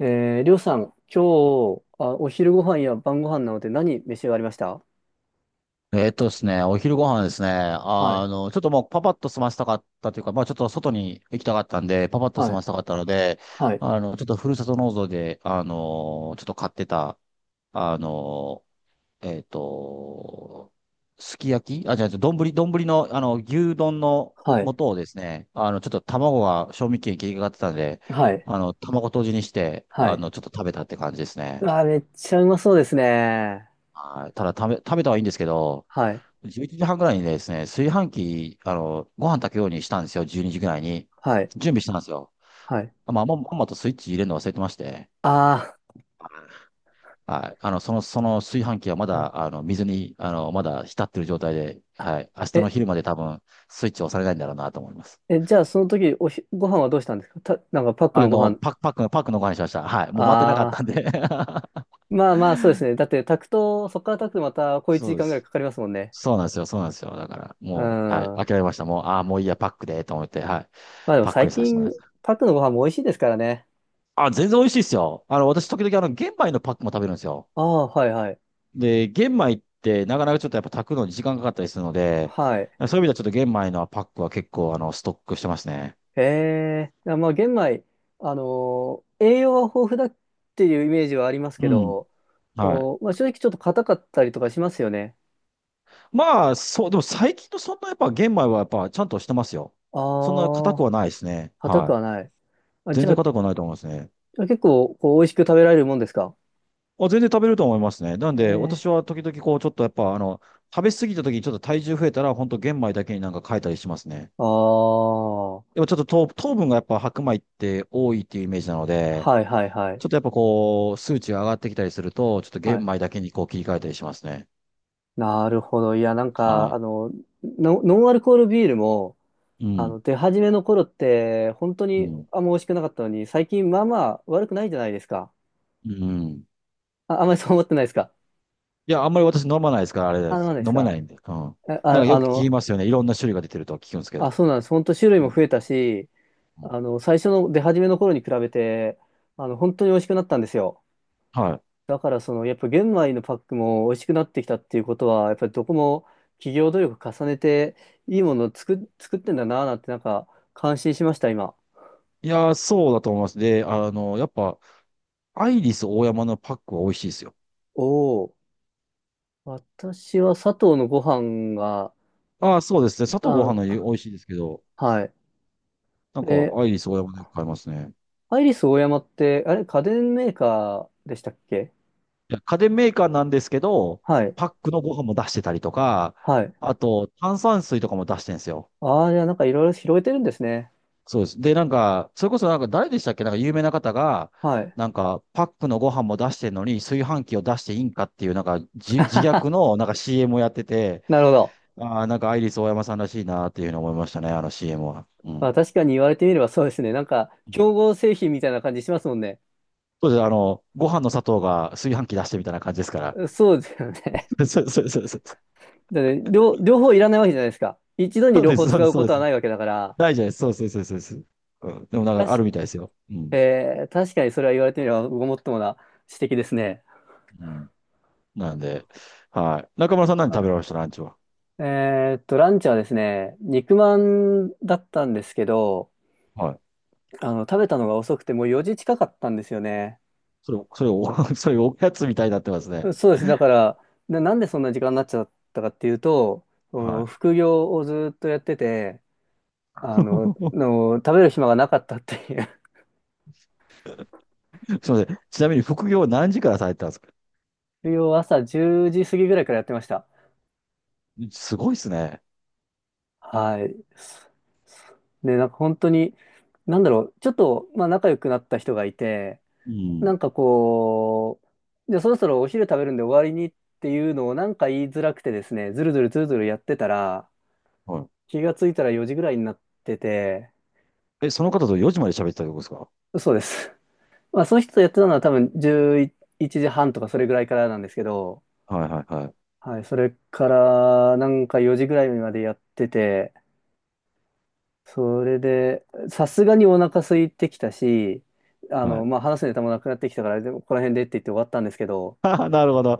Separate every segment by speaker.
Speaker 1: りょうさん、今日、お昼ご飯や晩ご飯なので何召し上がりました？
Speaker 2: えっとですね、お昼ご飯ですね。
Speaker 1: はい、
Speaker 2: ちょっともうパパッと済ませたかったというか、まあちょっと外に行きたかったんで、パパッと済
Speaker 1: はい、
Speaker 2: ませたかったので、
Speaker 1: はい、
Speaker 2: ちょっとふるさと納税で、ちょっと買ってた、あの、えっと、すき焼き、あ、じゃあ、丼の、牛丼の
Speaker 1: はい、
Speaker 2: 素をですね、ちょっと卵が賞味期限切りかかってたんで、
Speaker 1: はい、
Speaker 2: 卵とじにして、
Speaker 1: はい。
Speaker 2: ちょっと食べたって感じですね。
Speaker 1: あ、めっちゃうまそうですね。
Speaker 2: はい。ただ、食べたはいいんですけど、
Speaker 1: はい、
Speaker 2: 11時半ぐらいにですね、炊飯器、ご飯炊くようにしたんですよ、12時ぐらいに。
Speaker 1: はい、
Speaker 2: 準備したんですよ。
Speaker 1: はい。
Speaker 2: まあ、まんまとスイッチ入れるの忘れてまして、
Speaker 1: あ
Speaker 2: はい。その炊飯器はま
Speaker 1: ー、う
Speaker 2: だ、
Speaker 1: ん。
Speaker 2: 水に、まだ浸ってる状態で、
Speaker 1: あ
Speaker 2: はい。明日の
Speaker 1: え、
Speaker 2: 昼まで多分、スイッチ押されないんだろうなと思います。
Speaker 1: じゃあその時、ご飯はどうしたんですか？なんかパックのご飯？
Speaker 2: パックのご飯にしました。はい。もう待ってなかっ
Speaker 1: あ
Speaker 2: たん
Speaker 1: あ、
Speaker 2: で
Speaker 1: まあまあそうですね。だって炊くと、そこから炊くとまた小1
Speaker 2: そう
Speaker 1: 時
Speaker 2: で
Speaker 1: 間ぐらい
Speaker 2: す。
Speaker 1: かかりますもんね。
Speaker 2: そうなんですよ、そうなんですよ。だから、
Speaker 1: うん。
Speaker 2: もう、はい。
Speaker 1: ま
Speaker 2: 諦めました。もう、ああ、もういいや、パックで、と思って、はい。
Speaker 1: あでも
Speaker 2: パック
Speaker 1: 最
Speaker 2: にさせてもら
Speaker 1: 近、
Speaker 2: います。
Speaker 1: パックのご飯も美味しいですからね。
Speaker 2: あ、全然美味しいですよ。私、時々、玄米のパックも食べるんですよ。
Speaker 1: ああ、はい、はい。
Speaker 2: で、玄米って、なかなかちょっとやっぱ炊くのに時間かかったりするので、
Speaker 1: はい。
Speaker 2: そういう意味ではちょっと玄米のパックは結構、ストックしてますね。
Speaker 1: へえ、あ、まあ玄米、栄養は豊富だっていうイメージはあります
Speaker 2: う
Speaker 1: け
Speaker 2: ん。
Speaker 1: ど、
Speaker 2: はい。
Speaker 1: まあ、正直ちょっと硬かったりとかしますよね。
Speaker 2: まあ、そう、でも最近のそんなやっぱ玄米はやっぱちゃんとしてますよ。そんな硬く
Speaker 1: ああ、
Speaker 2: はないですね。
Speaker 1: 硬く
Speaker 2: はい。
Speaker 1: はない。あ、
Speaker 2: 全
Speaker 1: じゃ
Speaker 2: 然
Speaker 1: あ、じ
Speaker 2: 硬くはないと思いますね。
Speaker 1: ゃあ結構こう美味しく食べられるもんですか？
Speaker 2: あ、全然食べると思いますね。なん
Speaker 1: え
Speaker 2: で、
Speaker 1: え。
Speaker 2: 私は時々こう、ちょっとやっぱ、食べ過ぎた時にちょっと体重増えたら、本当玄米だけになんか変えたりしますね。
Speaker 1: ああ、は
Speaker 2: でもちょっと糖分がやっぱ白米って多いっていうイメージなの
Speaker 1: い
Speaker 2: で、
Speaker 1: はいはい。
Speaker 2: ちょっとやっぱこう、数値が上がってきたりすると、ちょっと玄
Speaker 1: はい。
Speaker 2: 米だけにこう切り替えたりしますね。
Speaker 1: なるほど。いや、なんか、
Speaker 2: は
Speaker 1: あの、ノンアルコールビールも、
Speaker 2: い。う
Speaker 1: あ
Speaker 2: ん。
Speaker 1: の、出始めの頃って、本当
Speaker 2: う
Speaker 1: に
Speaker 2: ん。
Speaker 1: あんま美味しくなかったのに、最近まあまあ悪くないじゃないですか。
Speaker 2: うん。
Speaker 1: あ、あんまりそう思ってないですか？
Speaker 2: いや、あんまり私飲まないですから、あれで
Speaker 1: あ、な
Speaker 2: す。
Speaker 1: んです
Speaker 2: 飲ま
Speaker 1: か？
Speaker 2: ないんで。うん。
Speaker 1: あ、
Speaker 2: なんか
Speaker 1: あ
Speaker 2: よ
Speaker 1: あ
Speaker 2: く聞き
Speaker 1: の、
Speaker 2: ますよね。いろんな種類が出てるとは聞くんですけ
Speaker 1: あ、
Speaker 2: ど。
Speaker 1: そうなんです。本当種類
Speaker 2: う
Speaker 1: も
Speaker 2: ん。
Speaker 1: 増えたし、
Speaker 2: うん。
Speaker 1: 最初の出始めの頃に比べて、本当に美味しくなったんですよ。
Speaker 2: は
Speaker 1: だから、やっぱ玄米のパックも美味しくなってきたっていうことは、やっぱりどこも企業努力重ねて、いいものを作ってんだなぁなんて、なんか、感心しました、今。
Speaker 2: い。いやー、そうだと思います。で、やっぱ、アイリスオーヤマのパックは美味しいですよ。
Speaker 1: おお、私は佐藤のご飯が、
Speaker 2: ああ、そうですね。砂糖ご飯の
Speaker 1: あ、
Speaker 2: 美味しいですけど、
Speaker 1: はい。
Speaker 2: なんか、
Speaker 1: え、
Speaker 2: アイリスオーヤマでよく買いますね。
Speaker 1: アイリスオーヤマって、あれ、家電メーカーでしたっけ？
Speaker 2: 家電メーカーなんですけど、
Speaker 1: はい。
Speaker 2: パックのご飯も出してたりとか、
Speaker 1: はい。
Speaker 2: あと炭酸水とかも出してるんですよ。
Speaker 1: ああ、じゃあなんかいろいろ広げてるんですね。
Speaker 2: そうです。で、なんか、それこそなんか誰でしたっけ、なんか有名な方が、
Speaker 1: はい。
Speaker 2: なんかパックのご飯も出してるのに炊飯器を出していいんかっていう、なんか自虐 のなんか CM をやってて、
Speaker 1: なるほど。
Speaker 2: ああ、なんかアイリスオーヤマさんらしいなっていうのを思いましたね、あの CM は。う
Speaker 1: まあ
Speaker 2: ん。
Speaker 1: 確かに言われてみればそうですね。なんか、
Speaker 2: う
Speaker 1: 競
Speaker 2: ん。
Speaker 1: 合製品みたいな感じしますもんね。
Speaker 2: そうです。ご飯の砂糖が炊飯器出してみたいな感じですから。
Speaker 1: そうですよね。
Speaker 2: そうそうそうそう。
Speaker 1: だって両方いらないわけじゃないですか。一度に
Speaker 2: そう
Speaker 1: 両
Speaker 2: で
Speaker 1: 方
Speaker 2: す、そう
Speaker 1: 使
Speaker 2: です、
Speaker 1: う
Speaker 2: そう
Speaker 1: こ
Speaker 2: で
Speaker 1: とは
Speaker 2: す。
Speaker 1: ないわけだから。
Speaker 2: ないじゃないです。そうそうそうそうそう。うん。でもなんかあ
Speaker 1: 確
Speaker 2: る
Speaker 1: か、
Speaker 2: みたいですよ。うん。
Speaker 1: 確かにそれは言われてみればごもっともな指摘ですね。
Speaker 2: うん。なんで、はい。中村さん、何食べ
Speaker 1: あ。
Speaker 2: られましたランチは？
Speaker 1: ランチはですね、肉まんだったんですけど、
Speaker 2: はい。
Speaker 1: 食べたのが遅くてもう4時近かったんですよね。
Speaker 2: それ、それお、それおやつみたいになってますね。
Speaker 1: そうです。だから、なんでそんな時間になっちゃったかっていうと、そ
Speaker 2: は
Speaker 1: の
Speaker 2: い。
Speaker 1: 副業をずっとやってて、食べる暇がなかったっていう。
Speaker 2: すみません。ちなみに副業は何時からされてたんですか？
Speaker 1: 副業を朝10時過ぎぐらいからやってました。
Speaker 2: すごいですね。
Speaker 1: はい。すで、なんか本当に、なんだろう、ちょっと、まあ仲良くなった人がいて、
Speaker 2: う
Speaker 1: な
Speaker 2: ん。
Speaker 1: んかこう、じゃあそろそろお昼食べるんで終わりにっていうのをなんか言いづらくてですね、ずるずるずるずるやってたら、
Speaker 2: は
Speaker 1: 気がついたら4時ぐらいになってて、
Speaker 2: い。え、その方と4時まで喋ってたってことですか？
Speaker 1: そうです。まあ、その人とやってたのは多分11時半とかそれぐらいからなんですけど、
Speaker 2: はいはいはい。
Speaker 1: はい、それからなんか4時ぐらいまでやってて、それで、さすがにお腹空いてきたし、
Speaker 2: はい。
Speaker 1: まあ、話すネタもなくなってきたから、でもここら辺でって言って終わったんですけど、
Speaker 2: なるほど。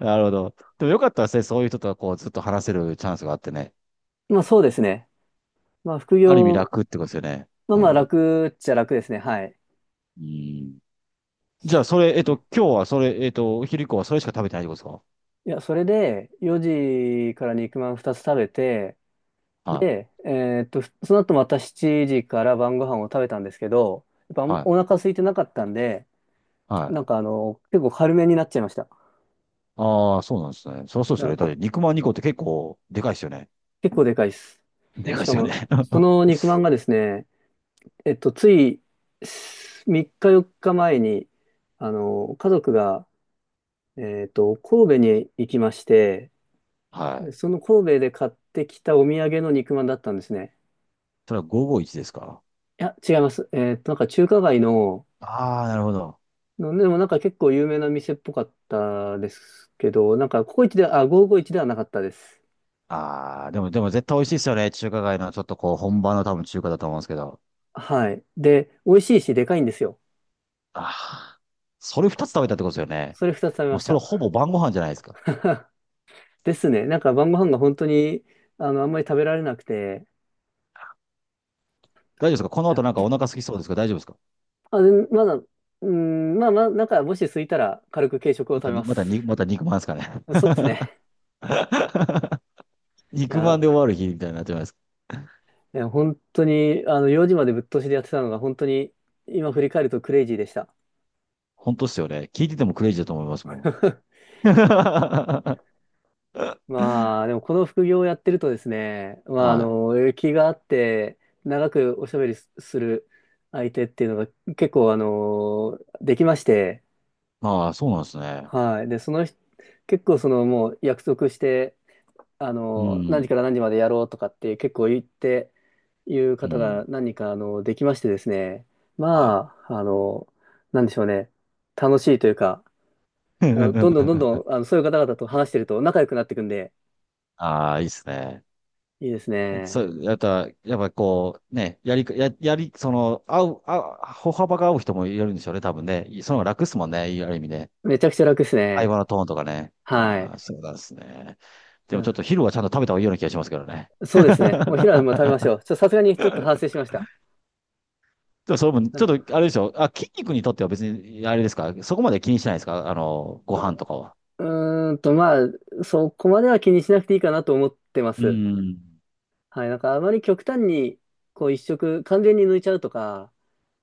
Speaker 2: なるほど。でもよかったですね。そういう人とはこうずっと話せるチャンスがあってね。
Speaker 1: まあ、そうですね。まあ、副
Speaker 2: ある意味
Speaker 1: 業、
Speaker 2: 楽ってことですよね。
Speaker 1: まあ、
Speaker 2: う
Speaker 1: まあ、
Speaker 2: ん。
Speaker 1: 楽っちゃ楽ですね。はい。
Speaker 2: うん。じゃあ、それ、
Speaker 1: うん。
Speaker 2: 今日はそれ、お昼以降はそれしか食べてないってことですか？
Speaker 1: いや、それで4時から肉まん2つ食べて、
Speaker 2: はい。
Speaker 1: で、その後また7時から晩ご飯を食べたんですけど、やっぱ
Speaker 2: は
Speaker 1: お
Speaker 2: い。
Speaker 1: 腹空いてなかったんで、
Speaker 2: はい。
Speaker 1: なんかあの、結構軽めになっちゃいました。
Speaker 2: ああ、そうなんですね。そりゃそうで
Speaker 1: う
Speaker 2: すよ
Speaker 1: ん。
Speaker 2: ね。だって肉まん2個って結構でかいですよね。
Speaker 1: 結構でかいです。
Speaker 2: でかい
Speaker 1: し
Speaker 2: で
Speaker 1: か
Speaker 2: すよね。
Speaker 1: も、その肉まんがですね、つい3日4日前に、あの、家族が、え神戸に行きまして、
Speaker 2: は
Speaker 1: で
Speaker 2: い。
Speaker 1: その神戸で買ってきたお土産の肉まんだったんですね。
Speaker 2: それは551ですか？
Speaker 1: いや、違います。なんか中華街の、
Speaker 2: ああ、なるほど。
Speaker 1: でもなんか結構有名な店っぽかったですけど、なんかココイチで、あ、551ではなかったです。
Speaker 2: ああ、でも絶対美味しいですよね。中華街のちょっとこう、本場の多分中華だと思うんですけど。
Speaker 1: はい。で、美味しいし、でかいんですよ。
Speaker 2: ああ、それ2つ食べたってことですよね。
Speaker 1: それ2つ食べま
Speaker 2: もう
Speaker 1: し
Speaker 2: それ
Speaker 1: た。
Speaker 2: ほぼ晩ご飯じゃないですか。
Speaker 1: ですね。なんか晩ご飯が本当に、あの、あんまり食べられなくて、
Speaker 2: 大丈夫ですか？この後なんかお腹空きそうですか？大丈夫ですか？
Speaker 1: あ、で、まだ、うーん、まあまあ、なんかもし空いたら軽く軽食を
Speaker 2: ま
Speaker 1: 食
Speaker 2: た
Speaker 1: べ
Speaker 2: に、
Speaker 1: ま
Speaker 2: また
Speaker 1: す。
Speaker 2: に、また肉まんですかね。
Speaker 1: そうですね。い
Speaker 2: 肉ま
Speaker 1: や、
Speaker 2: んで終わる日みたいになってますか？
Speaker 1: いや本当に、あの、4時までぶっ通しでやってたのが本当に、今振り返るとクレイジーでした。
Speaker 2: 本当っすよね。聞いててもクレイジーだと思いますもん。は
Speaker 1: まあ、でもこの副業をやってるとですね、まあ、
Speaker 2: い。
Speaker 1: 気があって、長くおしゃべりする相手っていうのが結構、できまして、
Speaker 2: ああ、そうなんですね。
Speaker 1: はい。で、その人、結構、その、もう約束して、
Speaker 2: う
Speaker 1: 何時
Speaker 2: ん。
Speaker 1: から何時までやろうとかって結構言って、いう
Speaker 2: う
Speaker 1: 方
Speaker 2: ん。
Speaker 1: が何人か、できましてですね、
Speaker 2: は
Speaker 1: まあ、なんでしょうね、楽しいというか、
Speaker 2: い。
Speaker 1: あのどんどんど んどん、そういう方々と話してると仲良くなっていくんで、
Speaker 2: ああ、いいっすね。
Speaker 1: いいです
Speaker 2: そ
Speaker 1: ね。
Speaker 2: う、やっぱこう、ね、やり、や、やり、その、合う、合う、歩幅が合う人もいるんでしょうね、多分ね。その方が楽っすもんね、ある意味ね。
Speaker 1: めちゃくちゃ楽です
Speaker 2: 会
Speaker 1: ね。
Speaker 2: 話のトーンとかね。
Speaker 1: はい。
Speaker 2: ああ、そうなんですね。で
Speaker 1: う
Speaker 2: もちょっ
Speaker 1: ん、
Speaker 2: と昼はちゃんと食べた方がいいような気がしますけどね。
Speaker 1: そうですね。お昼はまあ食べ ましょう。さすがにちょっと反省しました。
Speaker 2: でもそれも、
Speaker 1: う
Speaker 2: ちょ
Speaker 1: ん。
Speaker 2: っと、あれでしょ。あ、筋肉にとっては別に、あれですか。そこまで気にしないですか。ご飯とかは。
Speaker 1: まあ、そこまでは気にしなくていいかなと思ってま
Speaker 2: う
Speaker 1: す。
Speaker 2: ん。
Speaker 1: はい。なんかあまり極端に、こう一食完全に抜いちゃうとか、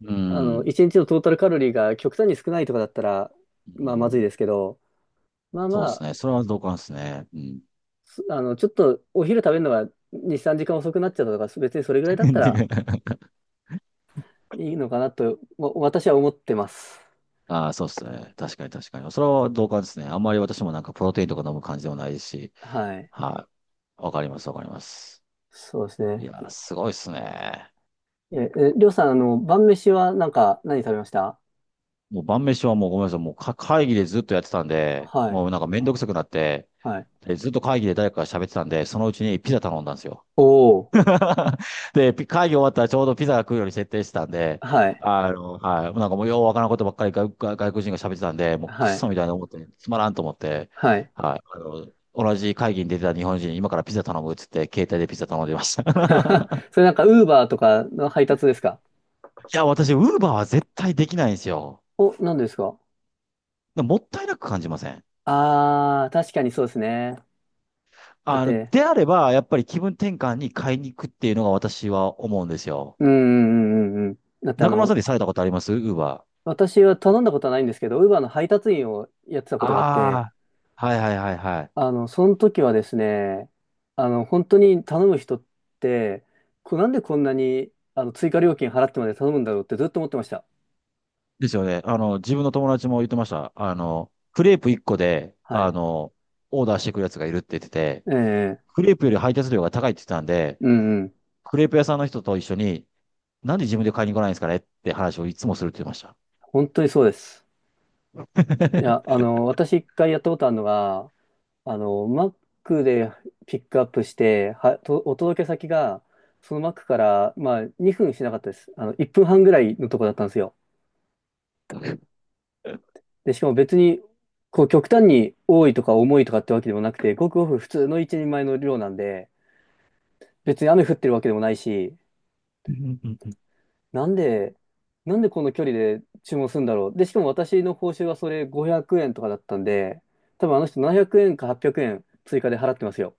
Speaker 2: う
Speaker 1: あの、
Speaker 2: ん。
Speaker 1: 一日のトータルカロリーが極端に少ないとかだったら、
Speaker 2: う
Speaker 1: まあまずい
Speaker 2: ん。
Speaker 1: ですけど、まあ
Speaker 2: そ
Speaker 1: ま
Speaker 2: うです
Speaker 1: あ、
Speaker 2: ね。それは同感ですね。うん。
Speaker 1: すあの、ちょっとお昼食べるのが2、3時間遅くなっちゃったとか、別にそれぐらいだったら いいのかなと、私は思ってます。
Speaker 2: ああ、そうですね。確かに、確かに。それは同感ですね。あんまり私もなんかプロテインとか飲む感じでもないですし。
Speaker 1: はい。
Speaker 2: はい。わかります、わかります。
Speaker 1: そうです
Speaker 2: い
Speaker 1: ね。
Speaker 2: やー、すごいですね。
Speaker 1: りょうさん、あの、晩飯はなんか何食べました？
Speaker 2: もう晩飯はもう、ごめんなさい、もう会議でずっとやってたんで、
Speaker 1: はい、
Speaker 2: もうなんかめんどくさくなって、
Speaker 1: はい。
Speaker 2: でずっと会議で誰かが喋ってたんで、そのうちにピザ頼んだんですよ。
Speaker 1: おー、
Speaker 2: で、会議終わったらちょうどピザが来るように設定してたんで、
Speaker 1: はい、
Speaker 2: はい。なんかもうようわからんことばっかり外国人が喋ってたんで、もう
Speaker 1: は
Speaker 2: クソ
Speaker 1: い、
Speaker 2: みたいな思って、つまらんと思って、
Speaker 1: はい。
Speaker 2: はい。同じ会議に出てた日本人に今からピザ頼むっつって、携帯でピザ頼んでました。い
Speaker 1: それなんか、ウーバーとかの配達ですか？
Speaker 2: や、私、ウーバーは絶対できないんですよ。
Speaker 1: お、何ですか？
Speaker 2: もったいなく感じません？
Speaker 1: あー、確かにそうですね。だって、
Speaker 2: であれば、やっぱり気分転換に買いに行くっていうのが私は思うんですよ。
Speaker 1: うんうんうんうんうん。だってあ
Speaker 2: 中村
Speaker 1: の、
Speaker 2: さんでされたことありますウーバ
Speaker 1: 私は頼んだことはないんですけど、ウーバーの配達員をやってた
Speaker 2: ー？
Speaker 1: こ
Speaker 2: あ
Speaker 1: とがあって、
Speaker 2: あー、はいはいはいはい。
Speaker 1: あの、その時はですね、あの、本当に頼む人って、なんでこんなにあの追加料金払ってまで頼むんだろうってずっと思ってました。
Speaker 2: ですよね。自分の友達も言ってました。クレープ1個で、
Speaker 1: はい。
Speaker 2: オーダーしてくるやつがいるって言ってて、
Speaker 1: ええ、
Speaker 2: クレープより配達料が高いって言ってたんで、
Speaker 1: うんうん。
Speaker 2: クレープ屋さんの人と一緒に、なんで自分で買いに来ないんですかねって話をいつもするって言ってました。
Speaker 1: 本当にそうです。いや、あ の、私一回やったことあるのが、あの、Mac でピックアップして、お届け先が、その Mac から、まあ、2分しなかったです。あの、1分半ぐらいのとこだったんですよ。で、しかも別に、こう、極端に多いとか重いとかってわけでもなくて、ごくごく普通の一人前の量なんで、別に雨降ってるわけでもないし、
Speaker 2: うんうんうん
Speaker 1: なんで、なんでこの距離で注文するんだろう。で、しかも私の報酬はそれ500円とかだったんで、多分あの人700円か800円追加で払ってますよ。